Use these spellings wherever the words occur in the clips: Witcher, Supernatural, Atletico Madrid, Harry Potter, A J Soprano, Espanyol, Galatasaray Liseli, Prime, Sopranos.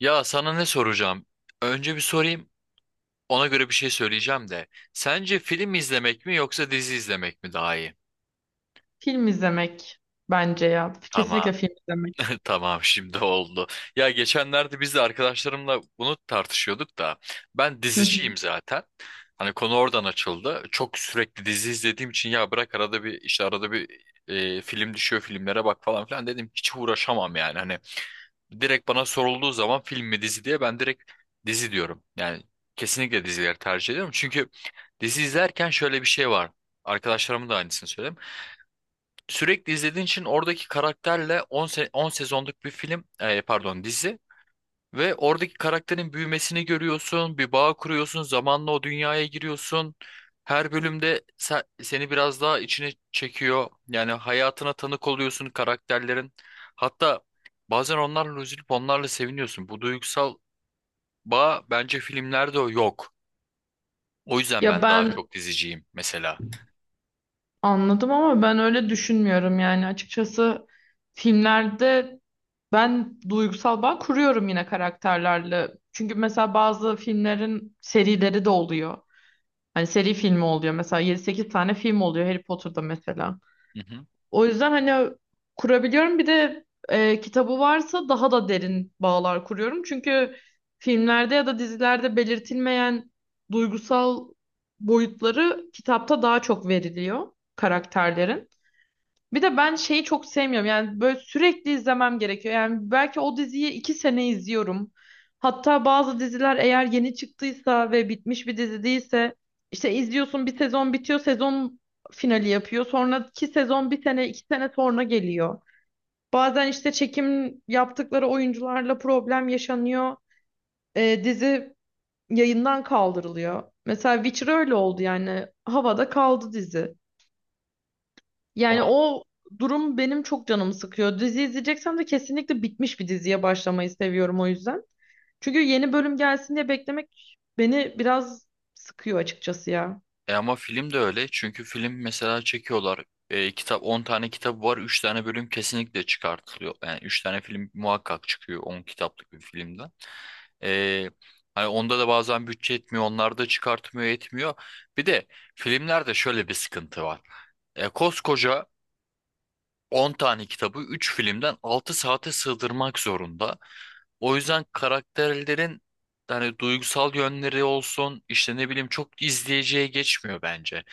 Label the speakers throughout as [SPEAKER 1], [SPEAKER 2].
[SPEAKER 1] Ya sana ne soracağım? Önce bir sorayım, ona göre bir şey söyleyeceğim de. Sence film izlemek mi yoksa dizi izlemek mi daha iyi?
[SPEAKER 2] Film izlemek bence ya.
[SPEAKER 1] Tamam,
[SPEAKER 2] Kesinlikle film izlemek.
[SPEAKER 1] tamam şimdi oldu. Ya geçenlerde biz de arkadaşlarımla bunu tartışıyorduk da ben
[SPEAKER 2] Hı hı.
[SPEAKER 1] diziciyim zaten. Hani konu oradan açıldı. Çok sürekli dizi izlediğim için ya bırak arada bir işte arada bir film düşüyor, filmlere bak falan filan dedim, hiç uğraşamam yani. Hani direkt bana sorulduğu zaman film mi dizi diye ben direkt dizi diyorum. Yani kesinlikle dizileri tercih ediyorum. Çünkü dizi izlerken şöyle bir şey var. Arkadaşlarıma da aynısını söyledim. Sürekli izlediğin için oradaki karakterle 10 10 sezonluk bir film, pardon, dizi ve oradaki karakterin büyümesini görüyorsun, bir bağ kuruyorsun, zamanla o dünyaya giriyorsun. Her bölümde seni biraz daha içine çekiyor. Yani hayatına tanık oluyorsun karakterlerin. Hatta bazen onlarla üzülüp onlarla seviniyorsun. Bu duygusal bağ, bence filmlerde o yok. O yüzden
[SPEAKER 2] Ya
[SPEAKER 1] ben daha
[SPEAKER 2] ben
[SPEAKER 1] çok diziciyim mesela.
[SPEAKER 2] anladım ama ben öyle düşünmüyorum yani açıkçası filmlerde ben duygusal bağ kuruyorum yine karakterlerle. Çünkü mesela bazı filmlerin serileri de oluyor. Hani seri filmi oluyor. Mesela yedi sekiz tane film oluyor Harry Potter'da mesela.
[SPEAKER 1] Hı hı.
[SPEAKER 2] O yüzden hani kurabiliyorum. Bir de kitabı varsa daha da derin bağlar kuruyorum. Çünkü filmlerde ya da dizilerde belirtilmeyen duygusal boyutları kitapta daha çok veriliyor karakterlerin. Bir de ben şeyi çok sevmiyorum. Yani böyle sürekli izlemem gerekiyor. Yani belki o diziyi iki sene izliyorum. Hatta bazı diziler eğer yeni çıktıysa ve bitmiş bir dizi değilse işte izliyorsun bir sezon bitiyor, sezon finali yapıyor. Sonraki sezon bir sene, iki sene sonra geliyor. Bazen işte çekim yaptıkları oyuncularla problem yaşanıyor. Dizi yayından kaldırılıyor. Mesela Witcher öyle oldu yani. Havada kaldı dizi. Yani
[SPEAKER 1] Ama
[SPEAKER 2] o durum benim çok canımı sıkıyor. Dizi izleyeceksem de kesinlikle bitmiş bir diziye başlamayı seviyorum o yüzden. Çünkü yeni bölüm gelsin diye beklemek beni biraz sıkıyor açıkçası ya.
[SPEAKER 1] ama film de öyle. Çünkü film mesela çekiyorlar. Kitap 10 tane kitabı var. Üç tane bölüm kesinlikle çıkartılıyor. Yani 3 tane film muhakkak çıkıyor 10 kitaplık bir filmden. E, hani onda da bazen bütçe etmiyor, onlar da çıkartmıyor etmiyor. Bir de filmlerde şöyle bir sıkıntı var. Koskoca 10 tane kitabı 3 filmden 6 saate sığdırmak zorunda. O yüzden karakterlerin hani duygusal yönleri olsun işte, ne bileyim, çok izleyiciye geçmiyor bence.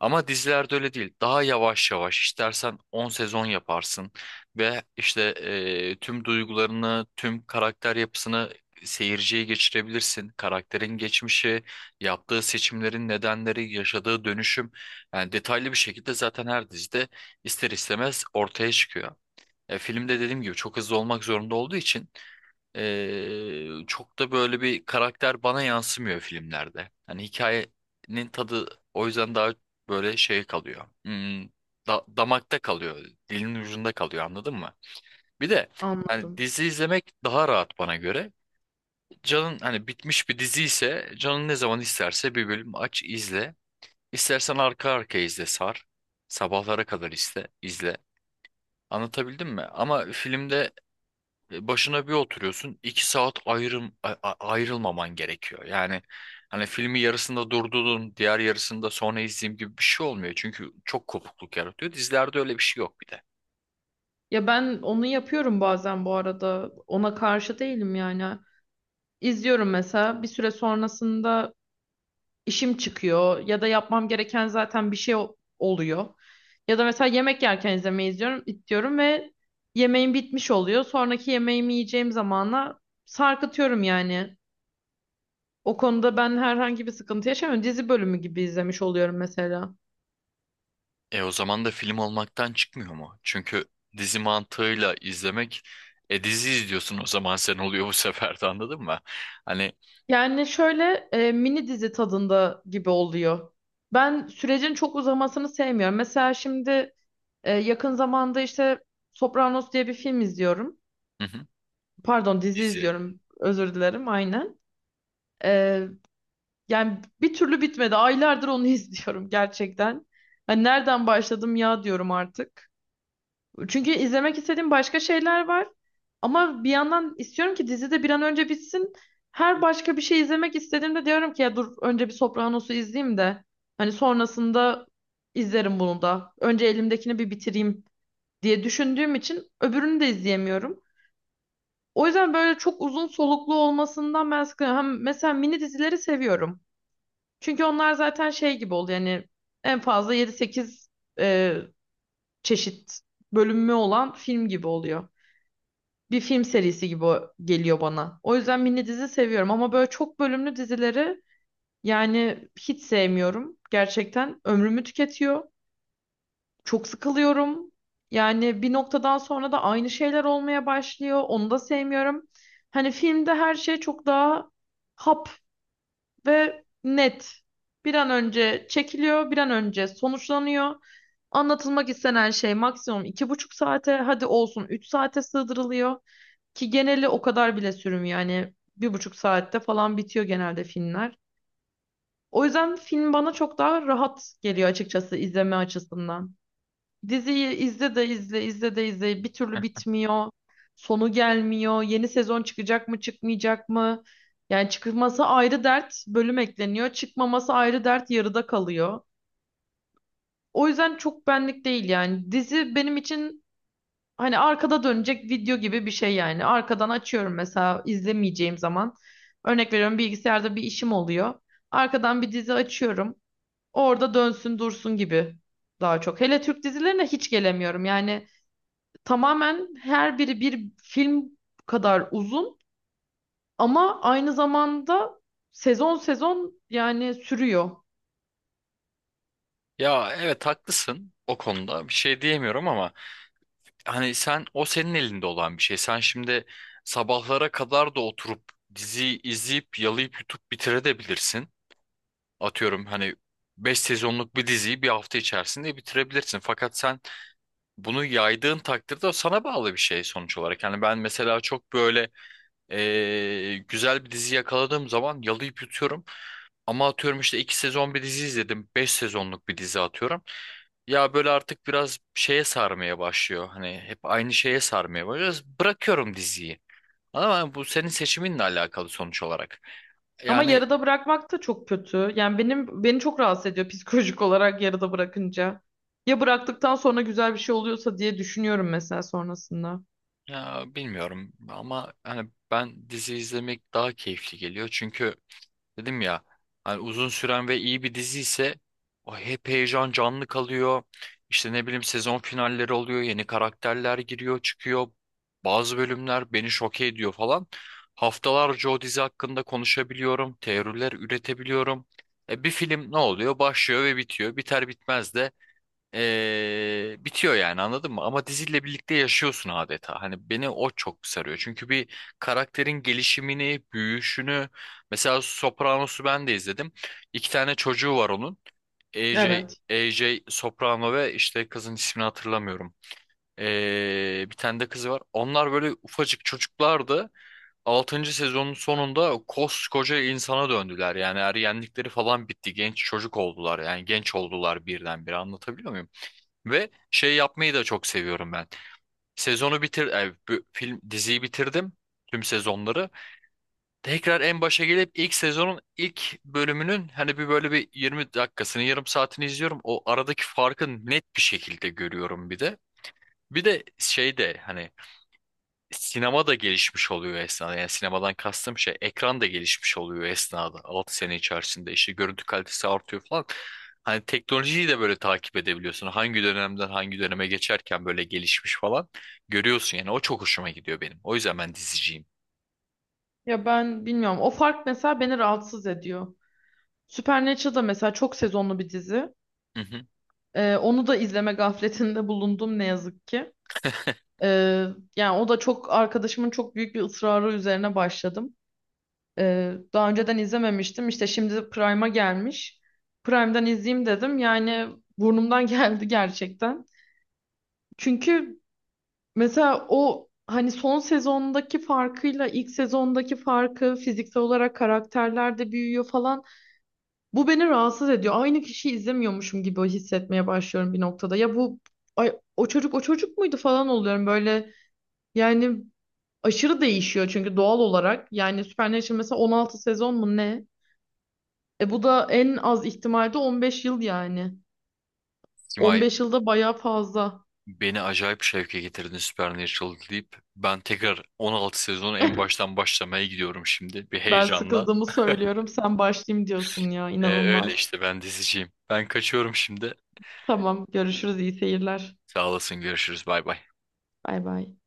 [SPEAKER 1] Ama dizilerde öyle değil. Daha yavaş yavaş istersen 10 sezon yaparsın ve işte tüm duygularını, tüm karakter yapısını seyirciye geçirebilirsin. Karakterin geçmişi, yaptığı seçimlerin nedenleri, yaşadığı dönüşüm, yani detaylı bir şekilde zaten her dizide ister istemez ortaya çıkıyor. Filmde dediğim gibi çok hızlı olmak zorunda olduğu için çok da böyle bir karakter bana yansımıyor filmlerde. Hani hikayenin tadı o yüzden daha böyle şey kalıyor. Damakta kalıyor, dilin ucunda kalıyor, anladın mı? Bir de hani
[SPEAKER 2] Anladım.
[SPEAKER 1] dizi izlemek daha rahat bana göre. Canın hani bitmiş bir dizi ise canın ne zaman isterse bir bölüm aç, izle. İstersen arka arkaya izle, sar. Sabahlara kadar iste, izle. Anlatabildim mi? Ama filmde başına bir oturuyorsun, 2 saat ayrım, ayrılmaman gerekiyor. Yani hani filmi yarısında durdurdun, diğer yarısında sonra izleyeyim gibi bir şey olmuyor. Çünkü çok kopukluk yaratıyor. Dizilerde öyle bir şey yok bir de.
[SPEAKER 2] Ya ben onu yapıyorum bazen bu arada. Ona karşı değilim yani. İzliyorum mesela bir süre sonrasında işim çıkıyor ya da yapmam gereken zaten bir şey oluyor. Ya da mesela yemek yerken izlemeyi izliyorum, diyorum ve yemeğim bitmiş oluyor. Sonraki yemeğimi yiyeceğim zamana sarkıtıyorum yani. O konuda ben herhangi bir sıkıntı yaşamıyorum. Dizi bölümü gibi izlemiş oluyorum mesela.
[SPEAKER 1] E o zaman da film olmaktan çıkmıyor mu? Çünkü dizi mantığıyla izlemek, dizi izliyorsun o zaman, sen oluyor bu sefer de, anladın mı? Hani,
[SPEAKER 2] Yani şöyle mini dizi tadında gibi oluyor. Ben sürecin çok uzamasını sevmiyorum. Mesela şimdi yakın zamanda işte Sopranos diye bir film izliyorum.
[SPEAKER 1] hı hı,
[SPEAKER 2] Pardon dizi
[SPEAKER 1] dizi.
[SPEAKER 2] izliyorum. Özür dilerim aynen. Ee, yani bir türlü bitmedi. Aylardır onu izliyorum gerçekten. Hani nereden başladım ya diyorum artık. Çünkü izlemek istediğim başka şeyler var. Ama bir yandan istiyorum ki dizi de bir an önce bitsin. Her başka bir şey izlemek istediğimde diyorum ki ya dur önce bir Sopranos'u izleyeyim de. Hani sonrasında izlerim bunu da. Önce elimdekini bir bitireyim diye düşündüğüm için öbürünü de izleyemiyorum. O yüzden böyle çok uzun soluklu olmasından ben sıkılıyorum. Hem mesela mini dizileri seviyorum. Çünkü onlar zaten şey gibi oldu yani en fazla yedi sekiz e, çeşit bölümü olan film gibi oluyor. Bir film serisi gibi geliyor bana. O yüzden mini dizi seviyorum ama böyle çok bölümlü dizileri yani hiç sevmiyorum. Gerçekten ömrümü tüketiyor. Çok sıkılıyorum. Yani bir noktadan sonra da aynı şeyler olmaya başlıyor. Onu da sevmiyorum. Hani filmde her şey çok daha hap ve net. Bir an önce çekiliyor, bir an önce sonuçlanıyor. Anlatılmak istenen şey maksimum iki buçuk saate, hadi olsun üç saate sığdırılıyor. Ki geneli o kadar bile sürmüyor. Yani bir buçuk saatte falan bitiyor genelde filmler. O yüzden film bana çok daha rahat geliyor açıkçası izleme açısından. Diziyi izle de izle, izle de izle. Bir türlü bitmiyor. Sonu gelmiyor. Yeni sezon çıkacak mı, çıkmayacak mı? Yani çıkması ayrı dert, bölüm ekleniyor. Çıkmaması ayrı dert, yarıda kalıyor. O yüzden çok benlik değil yani. Dizi benim için hani arkada dönecek video gibi bir şey yani. Arkadan açıyorum mesela izlemeyeceğim zaman. Örnek veriyorum bilgisayarda bir işim oluyor. Arkadan bir dizi açıyorum. Orada dönsün dursun gibi daha çok. Hele Türk dizilerine hiç gelemiyorum. Yani tamamen her biri bir film kadar uzun ama aynı zamanda sezon sezon yani sürüyor.
[SPEAKER 1] Ya evet, haklısın, o konuda bir şey diyemiyorum, ama hani sen, o senin elinde olan bir şey. Sen şimdi sabahlara kadar da oturup diziyi izleyip yalayıp yutup bitirebilirsin. Atıyorum hani 5 sezonluk bir diziyi bir hafta içerisinde bitirebilirsin. Fakat sen bunu yaydığın takdirde o sana bağlı bir şey sonuç olarak. Yani ben mesela çok böyle güzel bir dizi yakaladığım zaman yalayıp yutuyorum. Ama atıyorum işte iki sezon bir dizi izledim, 5 sezonluk bir dizi atıyorum. Ya böyle artık biraz şeye sarmaya başlıyor. Hani hep aynı şeye sarmaya başlıyor. Bırakıyorum diziyi. Ama bu senin seçiminle alakalı sonuç olarak.
[SPEAKER 2] Ama
[SPEAKER 1] Yani,
[SPEAKER 2] yarıda bırakmak da çok kötü. Yani benim beni çok rahatsız ediyor psikolojik olarak yarıda bırakınca. Ya bıraktıktan sonra güzel bir şey oluyorsa diye düşünüyorum mesela sonrasında.
[SPEAKER 1] ya bilmiyorum, ama hani ben, dizi izlemek daha keyifli geliyor. Çünkü dedim ya, hani uzun süren ve iyi bir dizi ise o hep heyecan canlı kalıyor. İşte ne bileyim, sezon finalleri oluyor, yeni karakterler giriyor, çıkıyor. Bazı bölümler beni şoke ediyor falan. Haftalarca o dizi hakkında konuşabiliyorum, teoriler üretebiliyorum. E bir film ne oluyor? Başlıyor ve bitiyor. Biter bitmez de bitiyor, yani anladın mı? Ama diziyle birlikte yaşıyorsun adeta. Hani beni o çok sarıyor. Çünkü bir karakterin gelişimini, büyüyüşünü. Mesela Sopranos'u ben de izledim. İki tane çocuğu var onun. AJ,
[SPEAKER 2] Evet.
[SPEAKER 1] evet. AJ Soprano, ve işte kızın ismini hatırlamıyorum. Bir tane de kızı var. Onlar böyle ufacık çocuklardı. Altıncı sezonun sonunda koskoca insana döndüler. Yani ergenlikleri falan bitti, genç çocuk oldular. Yani genç oldular birdenbire. Anlatabiliyor muyum? Ve şey yapmayı da çok seviyorum ben. Sezonu bitir, bu film, diziyi bitirdim, tüm sezonları. Tekrar en başa gelip ilk sezonun ilk bölümünün hani bir böyle bir 20 dakikasını, yarım saatini izliyorum. O aradaki farkı net bir şekilde görüyorum bir de. Bir de şey de hani sinema da gelişmiş oluyor esnada. Yani sinemadan kastım şey, ekran da gelişmiş oluyor esnada. 6 sene içerisinde işte görüntü kalitesi artıyor falan. Hani teknolojiyi de böyle takip edebiliyorsun. Hangi dönemden hangi döneme geçerken böyle gelişmiş falan görüyorsun yani. O çok hoşuma gidiyor benim. O yüzden ben diziciyim.
[SPEAKER 2] Ya ben bilmiyorum. O fark mesela beni rahatsız ediyor. Supernatural da mesela çok sezonlu bir dizi.
[SPEAKER 1] Hı hı.
[SPEAKER 2] Onu da izleme gafletinde bulundum ne yazık ki. Ee, yani o da çok arkadaşımın çok büyük bir ısrarı üzerine başladım. Daha önceden izlememiştim. İşte şimdi Prime'a gelmiş. Prime'dan izleyeyim dedim. Yani burnumdan geldi gerçekten. Çünkü mesela o hani son sezondaki farkıyla ilk sezondaki farkı fiziksel olarak karakterler de büyüyor falan. Bu beni rahatsız ediyor. Aynı kişiyi izlemiyormuşum gibi hissetmeye başlıyorum bir noktada. Ya bu ay, o çocuk o çocuk muydu falan oluyorum böyle. Yani aşırı değişiyor çünkü doğal olarak. Yani Supernatural mesela 16 sezon mu ne? E bu da en az ihtimalde 15 yıl yani.
[SPEAKER 1] Simay,
[SPEAKER 2] 15 yılda bayağı fazla.
[SPEAKER 1] beni acayip şevke getirdin, Supernatural deyip ben tekrar 16 sezonu en baştan başlamaya gidiyorum şimdi bir
[SPEAKER 2] Ben
[SPEAKER 1] heyecanla.
[SPEAKER 2] sıkıldığımı söylüyorum. Sen başlayayım diyorsun ya.
[SPEAKER 1] Öyle
[SPEAKER 2] İnanılmaz.
[SPEAKER 1] işte, ben diziciyim. Ben kaçıyorum şimdi.
[SPEAKER 2] Tamam, görüşürüz. İyi seyirler.
[SPEAKER 1] Sağ olasın. Görüşürüz. Bay bay.
[SPEAKER 2] Bay bay.